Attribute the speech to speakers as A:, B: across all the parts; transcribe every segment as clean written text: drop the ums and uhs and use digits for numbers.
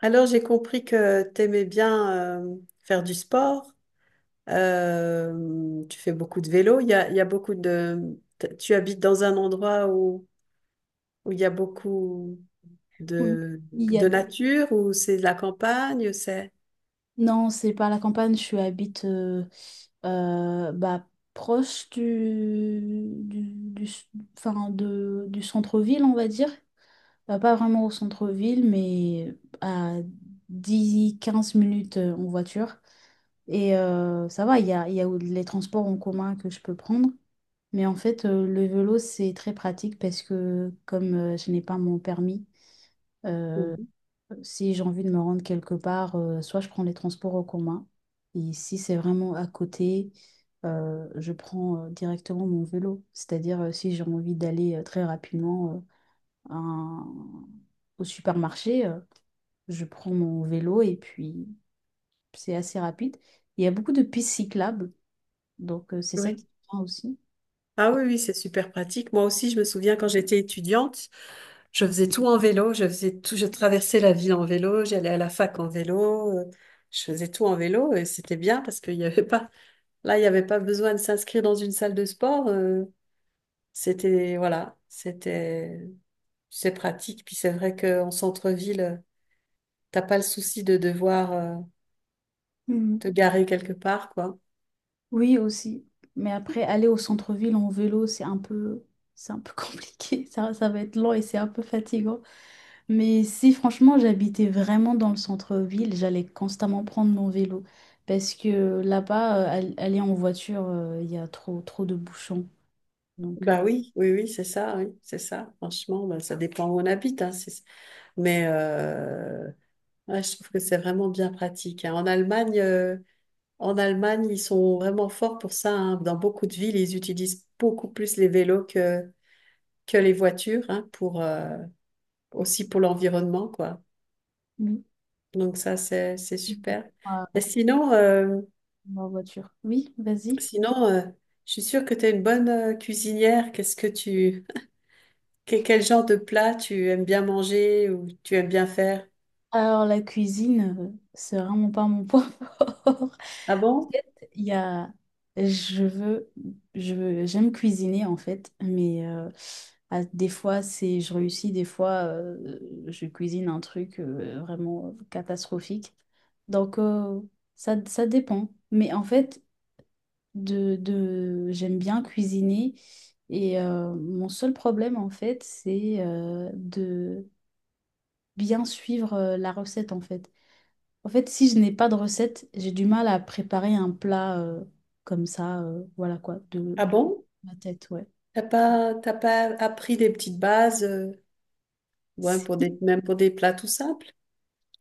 A: Alors, j'ai compris que tu aimais bien faire du sport. Tu fais beaucoup de vélo. Il y a beaucoup de... Tu habites dans un endroit où, où il y a beaucoup
B: Oui,
A: de,
B: il y a-
A: de nature, où c'est de la campagne, c'est...
B: non, c'est pas la campagne, je habite euh, bah, proche du enfin, du centre-ville, on va dire. Pas vraiment au centre-ville, mais à 10 15 minutes en voiture. Et ça va, il y a les transports en commun que je peux prendre. Mais en fait, le vélo, c'est très pratique parce que comme je n'ai pas mon permis, euh,
A: Mhm.
B: si j'ai envie de me rendre quelque part, soit je prends les transports en commun, et si c'est vraiment à côté, je prends directement mon vélo. C'est-à-dire, si j'ai envie d'aller très rapidement à un- au supermarché, je prends mon vélo et puis c'est assez rapide. Il y a beaucoup de pistes cyclables, donc c'est ça qui
A: Oui.
B: est bien aussi.
A: Ah oui, oui, c'est super pratique. Moi aussi, je me souviens quand j'étais étudiante, je faisais tout en vélo, je faisais tout, je traversais la ville en vélo, j'allais à la fac en vélo, je faisais tout en vélo et c'était bien parce qu'il y avait pas, là, il n'y avait pas besoin de s'inscrire dans une salle de sport. C'était, voilà, c'était, c'est pratique. Puis c'est vrai qu'en centre-ville, t'as pas le souci de devoir
B: Mhm.
A: te garer quelque part, quoi.
B: Oui, aussi. Mais après, aller au centre-ville en vélo, c'est un peu compliqué. Ça va être lent et c'est un peu fatigant. Mais si franchement j'habitais vraiment dans le centre-ville, j'allais constamment prendre mon vélo. Parce que là-bas, aller en voiture, il y a trop de bouchons. Donc,
A: Bah oui, oui, oui, c'est ça, oui, c'est ça. Franchement, bah, ça dépend où on habite, hein, mais ouais, je trouve que c'est vraiment bien pratique, hein. En Allemagne, en Allemagne, ils sont vraiment forts pour ça, hein. Dans beaucoup de villes, ils utilisent beaucoup plus les vélos que les voitures, hein, pour, aussi pour l'environnement, quoi.
B: oui.
A: Donc ça, c'est super. Et
B: Ah,
A: sinon,
B: en voiture. Oui, vas-y.
A: sinon je suis sûre que tu es une bonne cuisinière. Qu'est-ce que tu, quel genre de plat tu aimes bien manger ou tu aimes bien faire?
B: Alors, la cuisine, c'est vraiment pas mon point fort.
A: Ah bon?
B: fait, il y a, je veux, je veux- j'aime cuisiner en fait, mais des fois c'est, je réussis, des fois je cuisine un truc vraiment catastrophique. Donc ça, ça dépend. Mais en fait, j'aime bien cuisiner et mon seul problème en fait, c'est de bien suivre la recette en fait. En fait, si je n'ai pas de recette, j'ai du mal à préparer un plat comme ça, voilà quoi, de
A: Ah bon?
B: ma tête, ouais.
A: T'as pas appris des petites bases, ouais,
B: Si,
A: pour des, même pour des plats tout simples?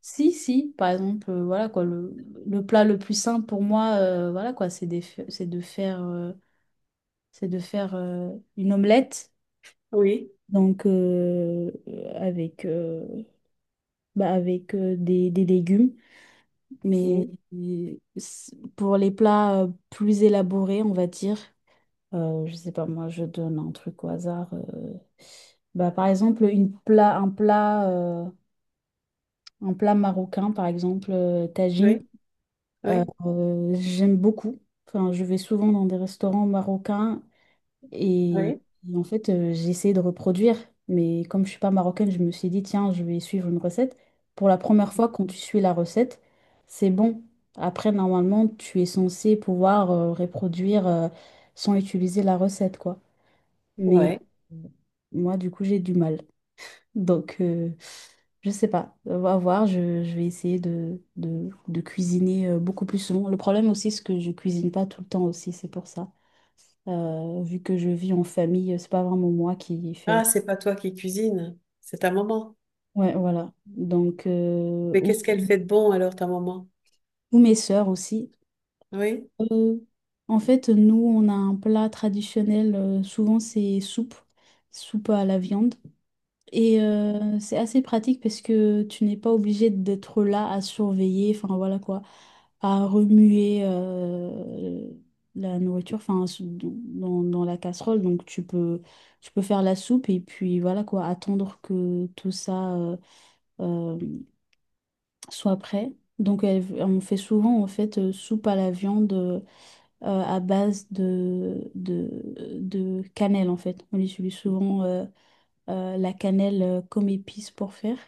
B: si, si, par exemple, voilà quoi, le plat le plus simple pour moi, voilà quoi, c'est de faire une omelette,
A: Oui.
B: donc avec des légumes. Mais
A: Oui.
B: pour les plats plus élaborés, on va dire. Je sais pas, moi, je donne un truc au hasard. Bah, par exemple, une plat, un plat, un plat marocain, par exemple, tagine.
A: Oui. Oui.
B: J'aime beaucoup. Enfin, je vais souvent dans des restaurants marocains et,
A: Oui,
B: et en fait, j'ai essayé de reproduire. Mais comme je suis pas marocaine, je me suis dit, tiens, je vais suivre une recette. Pour la première fois, quand tu suis la recette, c'est bon. Après, normalement, tu es censé pouvoir reproduire sans utiliser la recette, quoi.
A: ouais.
B: Moi, du coup, j'ai du mal. Donc, je sais pas. On va voir. Je vais essayer de cuisiner beaucoup plus souvent. Le problème aussi, c'est que je cuisine pas tout le temps aussi. C'est pour ça. Vu que je vis en famille, c'est pas vraiment moi qui
A: Ah,
B: fais.
A: c'est pas toi qui cuisine, c'est ta maman.
B: Ouais, voilà. Donc,
A: Mais qu'est-ce qu'elle fait de bon alors, ta maman?
B: ou mes sœurs aussi.
A: Oui.
B: Euh, en fait, nous, on a un plat traditionnel. Souvent, c'est soupe. Soupe à la viande. Et c'est assez pratique parce que tu n'es pas obligé d'être là à surveiller, enfin voilà quoi, à remuer la nourriture, dans, dans la casserole. Donc tu peux faire la soupe et puis voilà quoi, attendre que tout ça euh, soit prêt. On fait souvent en fait soupe à la viande à base de cannelle en fait. On utilise souvent la cannelle comme épice pour faire.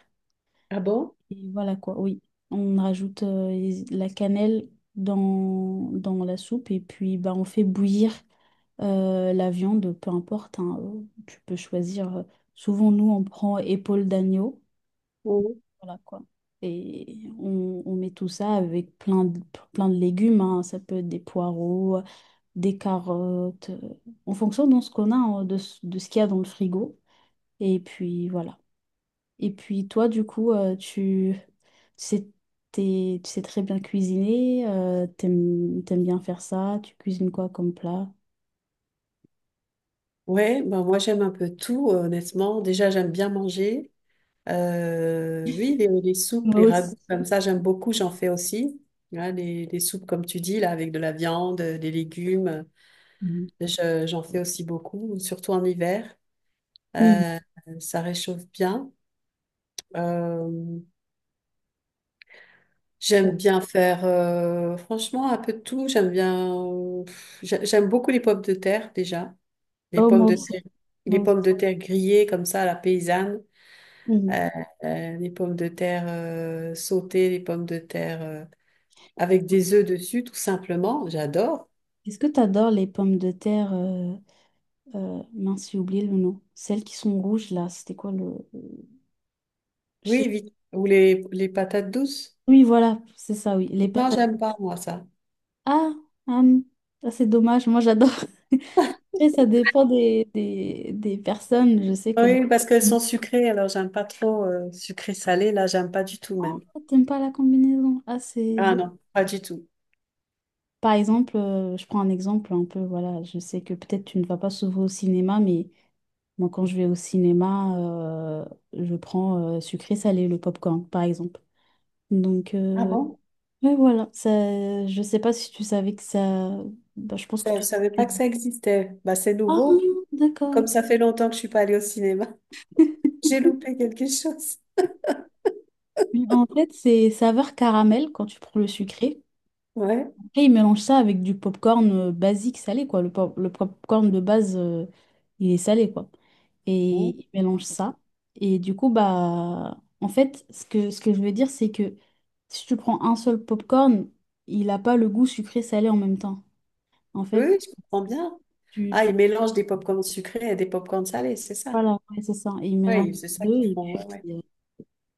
A: Ah bon?
B: Et voilà quoi, oui. On rajoute la cannelle dans la soupe et puis bah, on fait bouillir la viande, peu importe. Hein, tu peux choisir. Souvent, nous, on prend épaule d'agneau.
A: Oui.
B: Voilà quoi. Et on met tout ça avec plein de légumes. Hein, ça peut être des poireaux, des carottes, en fonction de ce qu'on a, hein, de ce qu'il y a dans le frigo. Et puis voilà. Et puis toi, du coup, tu sais, tu sais très bien cuisiner, t'aimes bien faire ça, tu cuisines quoi comme plat?
A: Ouais, ben moi j'aime un peu tout, honnêtement. Déjà, j'aime bien manger. Oui, les soupes,
B: Moi
A: les
B: aussi.
A: ragoûts, comme ça, j'aime beaucoup, j'en fais aussi. Hein, les soupes, comme tu dis, là, avec de la viande, des légumes,
B: Mhm.
A: j'en fais aussi beaucoup, surtout en hiver.
B: Mhm.
A: Euh, ça réchauffe bien. Euh,
B: C'est-
A: J'aime bien faire, franchement, un peu de tout. J'aime bien, j'aime beaucoup les pommes de terre déjà. Les
B: Oh,
A: pommes
B: moi
A: de
B: aussi,
A: terre,
B: moi
A: les
B: aussi.
A: pommes de terre grillées comme ça, à la paysanne.
B: Mhm.
A: Euh, les pommes de terre sautées, les pommes de terre avec des œufs dessus, tout simplement. J'adore.
B: Est-ce que tu adores les pommes de terre, mince, j'ai oublié le nom, celles qui sont rouges là, c'était quoi le...
A: Oui,
B: Je-
A: vite. Ou les patates douces.
B: Oui, voilà, c'est ça, oui, les
A: Non,
B: patates.
A: j'aime
B: Douces.
A: pas, moi, ça.
B: Ah, hum, ah, c'est dommage, moi j'adore. Après, ça dépend des personnes. Je sais que dans...
A: Oui, parce qu'elles sont sucrées, alors j'aime pas trop sucré-salé. Là, j'aime pas du tout même.
B: Ah, t'aimes pas la combinaison. Ah, c'est
A: Ah
B: deux.
A: non, pas du tout.
B: Par exemple, je prends un exemple un peu, voilà, je sais que peut-être tu ne vas pas souvent au cinéma, mais moi quand je vais au cinéma, je prends sucré salé, le popcorn, par exemple. Donc,
A: Ah bon?
B: ouais, voilà, ça, je sais pas si tu savais que ça... Bah, je pense
A: Ça,
B: que
A: je ne
B: tu...
A: savais pas que ça existait. Bah, c'est
B: Ah,
A: nouveau. Comme
B: d'accord.
A: ça fait longtemps que je suis pas allée au cinéma, j'ai loupé quelque chose.
B: Mais en fait, c'est saveur caramel quand tu prends le sucré.
A: Ouais.
B: Et ils mélangent ça avec du popcorn basique salé, quoi. Le popcorn de base, il est salé, quoi. Et
A: Bon.
B: ils mélangent ça. Et du coup, bah, en fait, ce que je veux dire, c'est que si tu prends un seul popcorn, il n'a pas le goût sucré-salé en même temps. En fait,
A: Oui, je comprends bien. Ah,
B: tu...
A: ils mélangent des pop-corns sucrés et des pop-corns salés, c'est ça.
B: Voilà, ouais, c'est ça. Et ils mélangent
A: Oui,
B: les
A: c'est ça
B: deux.
A: qu'ils
B: Et
A: font. Ouais, ouais.
B: puis, euh,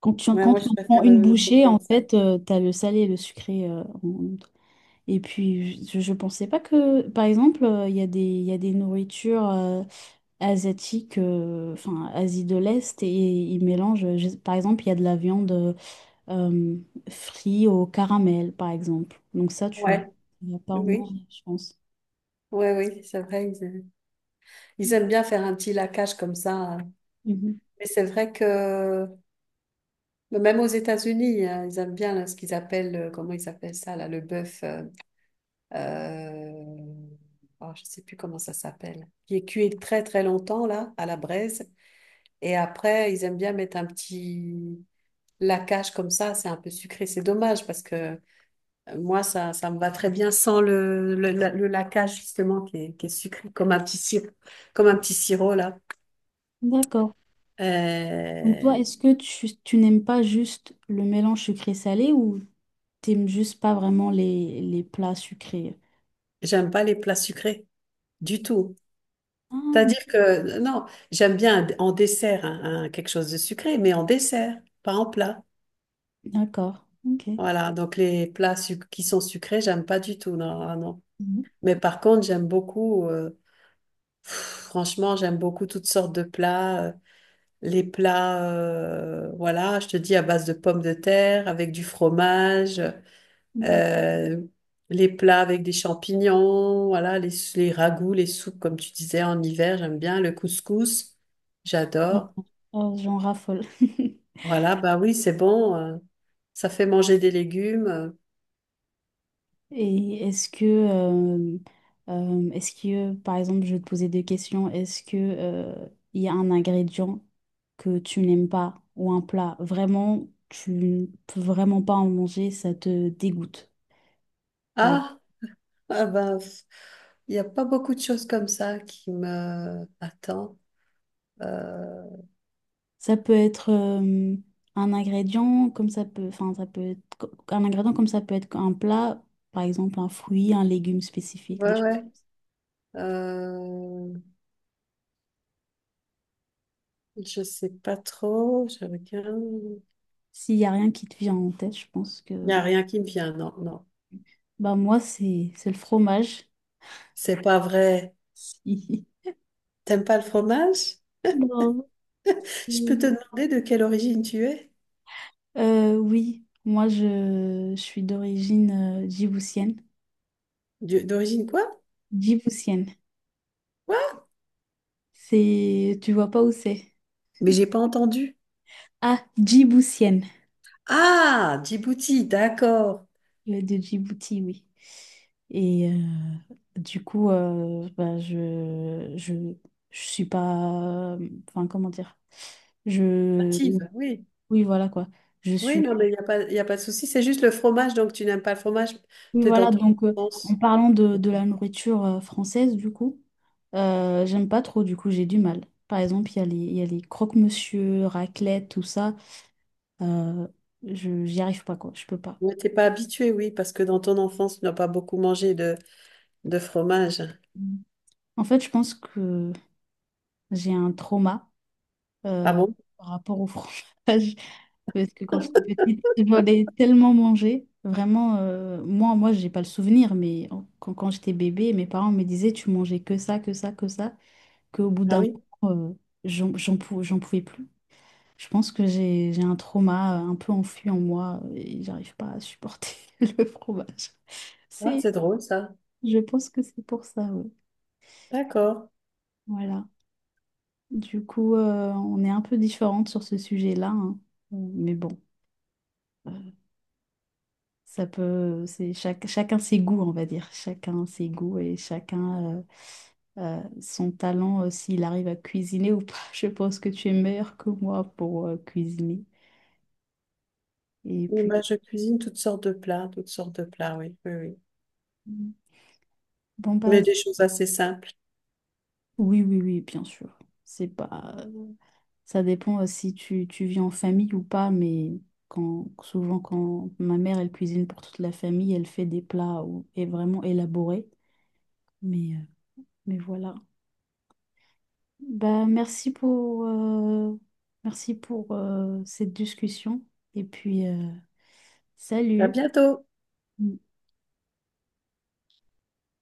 A: Ouais,
B: quand
A: moi,
B: tu
A: je
B: en prends
A: préfère
B: une
A: le
B: bouchée, en
A: pop-corn salé.
B: fait, tu as le salé et le sucré. Et puis, je pensais pas que, par exemple, il y a des nourritures asiatiques, enfin, Asie de l'Est, et ils mélangent, par exemple, il y a de la viande euh, frite au caramel, par exemple. Donc ça,
A: Ouais.
B: tu vas pas
A: Oui,
B: en
A: oui.
B: manger, je pense.
A: Ouais, oui, c'est vrai. Ils aiment bien faire un petit laquage comme ça, hein.
B: Mhm.
A: Mais c'est vrai que même aux États-Unis, hein, ils aiment bien là, ce qu'ils appellent, comment ils appellent ça, là, le bœuf. Euh, oh, je ne sais plus comment ça s'appelle, qui est cuit très très longtemps là, à la braise. Et après, ils aiment bien mettre un petit lacage comme ça, c'est un peu sucré. C'est dommage parce que moi, ça me va très bien sans le, le, le laquage justement qui est sucré, comme un petit sirop, comme un petit sirop là.
B: D'accord. Donc toi,
A: Euh,
B: est-ce que tu n'aimes pas juste le mélange sucré-salé ou t'aimes juste pas vraiment les plats sucrés?
A: j'aime pas les plats sucrés du tout.
B: Ah,
A: C'est-à-dire que, non, j'aime bien en dessert, hein, hein, quelque chose de sucré, mais en dessert, pas en plat.
B: d'accord. Ok.
A: Voilà, donc les qui sont sucrés, j'aime pas du tout, non, ah non. Mais par contre, j'aime beaucoup, pff, franchement, j'aime beaucoup toutes sortes de plats. Les plats, voilà, je te dis, à base de pommes de terre, avec du fromage,
B: Mhm.
A: euh, les plats avec des champignons, voilà, les ragoûts, les soupes, comme tu disais, en hiver, j'aime bien. Le couscous,
B: Euh,
A: j'adore.
B: j'en raffole.
A: Voilà, bah oui, c'est bon, ça fait manger des légumes, euh.
B: Et est-ce que, par exemple, je vais te poser deux questions. Est-ce que, il y a un ingrédient que tu n'aimes pas ou un plat vraiment, tu ne peux vraiment pas en manger, ça te dégoûte, par exemple.
A: Ah! Ah ben, pff, il n'y a pas beaucoup de choses comme ça qui me attendent. Euh,
B: Ça peut être un ingrédient comme ça peut, un ingrédient comme ça peut être un plat, par exemple, un fruit, un légume spécifique, des
A: ouais,
B: choses.
A: ouais. Euh, je sais pas trop. Je regarde.
B: S'il y a rien qui te vient en tête, je pense
A: Il n'y
B: que
A: a rien qui me vient. Non, non.
B: bah moi, c'est le fromage.
A: C'est pas vrai.
B: Si.
A: T'aimes pas le fromage?
B: Non.
A: Je peux te demander de quelle origine tu es?
B: Oui, moi, je suis d'origine djiboutienne.
A: D'origine quoi?
B: Djiboutienne.
A: Quoi?
B: C'est... Tu vois pas où c'est?
A: Mais j'ai pas entendu.
B: Ah, djiboutienne.
A: Ah, Djibouti, d'accord.
B: De Djibouti, oui. Et du coup, je suis pas... Enfin, comment dire? Je...
A: Native, oui.
B: Oui, voilà quoi. Je
A: Oui,
B: suis...
A: non, mais il n'y a pas, il y a pas de souci. C'est juste le fromage, donc tu n'aimes pas le fromage.
B: Oui,
A: T'es dans
B: voilà,
A: ton
B: donc en
A: sens.
B: parlant de la nourriture française, du coup, j'aime pas trop, du coup, j'ai du mal. Par exemple, il y a les croque-monsieur, raclette, tout ça. euh, J'y arrive pas, quoi, je peux pas.
A: Ouais, t'es pas habitué, oui, parce que dans ton enfance, tu n'as pas beaucoup mangé de fromage.
B: Mm. En fait, je pense que j'ai un trauma
A: Ah
B: euh,
A: bon?
B: par rapport au fromage. Parce que quand j'étais petite, j'en ai tellement mangé. Vraiment, moi, j'ai pas le souvenir, quand j'étais bébé, mes parents me disaient, tu mangeais que ça, que ça, que ça. Qu'au bout
A: Ah
B: d'un
A: oui?
B: moment, j'en pouvais plus. Je pense que j'ai un trauma un peu enfui en moi et j'arrive pas à supporter le fromage.
A: Ah,
B: C'est,
A: c'est drôle, ça.
B: je pense que c'est pour ça, ouais.
A: D'accord.
B: Voilà. Du coup, on est un peu différentes sur ce sujet-là, hein. Mais bon, euh, c'est chacun ses goûts, on va dire. Chacun ses goûts et chacun son talent, s'il arrive à cuisiner ou pas. Je pense que tu es meilleur que moi pour cuisiner. Et
A: Oui,
B: puis
A: moi, je cuisine toutes sortes de plats, toutes sortes de plats, oui, oui, oui.
B: mm. Bon, bah,
A: Mais des choses assez simples.
B: oui, oui, oui, bien sûr. C'est pas... Ça dépend si tu, tu vis en famille ou pas, mais souvent, quand ma mère, elle cuisine pour toute la famille, elle fait et vraiment élaborés. Mais, euh, mais voilà. Bah, merci pour, euh, Merci pour cette discussion. Et puis,
A: À
B: salut!
A: bientôt!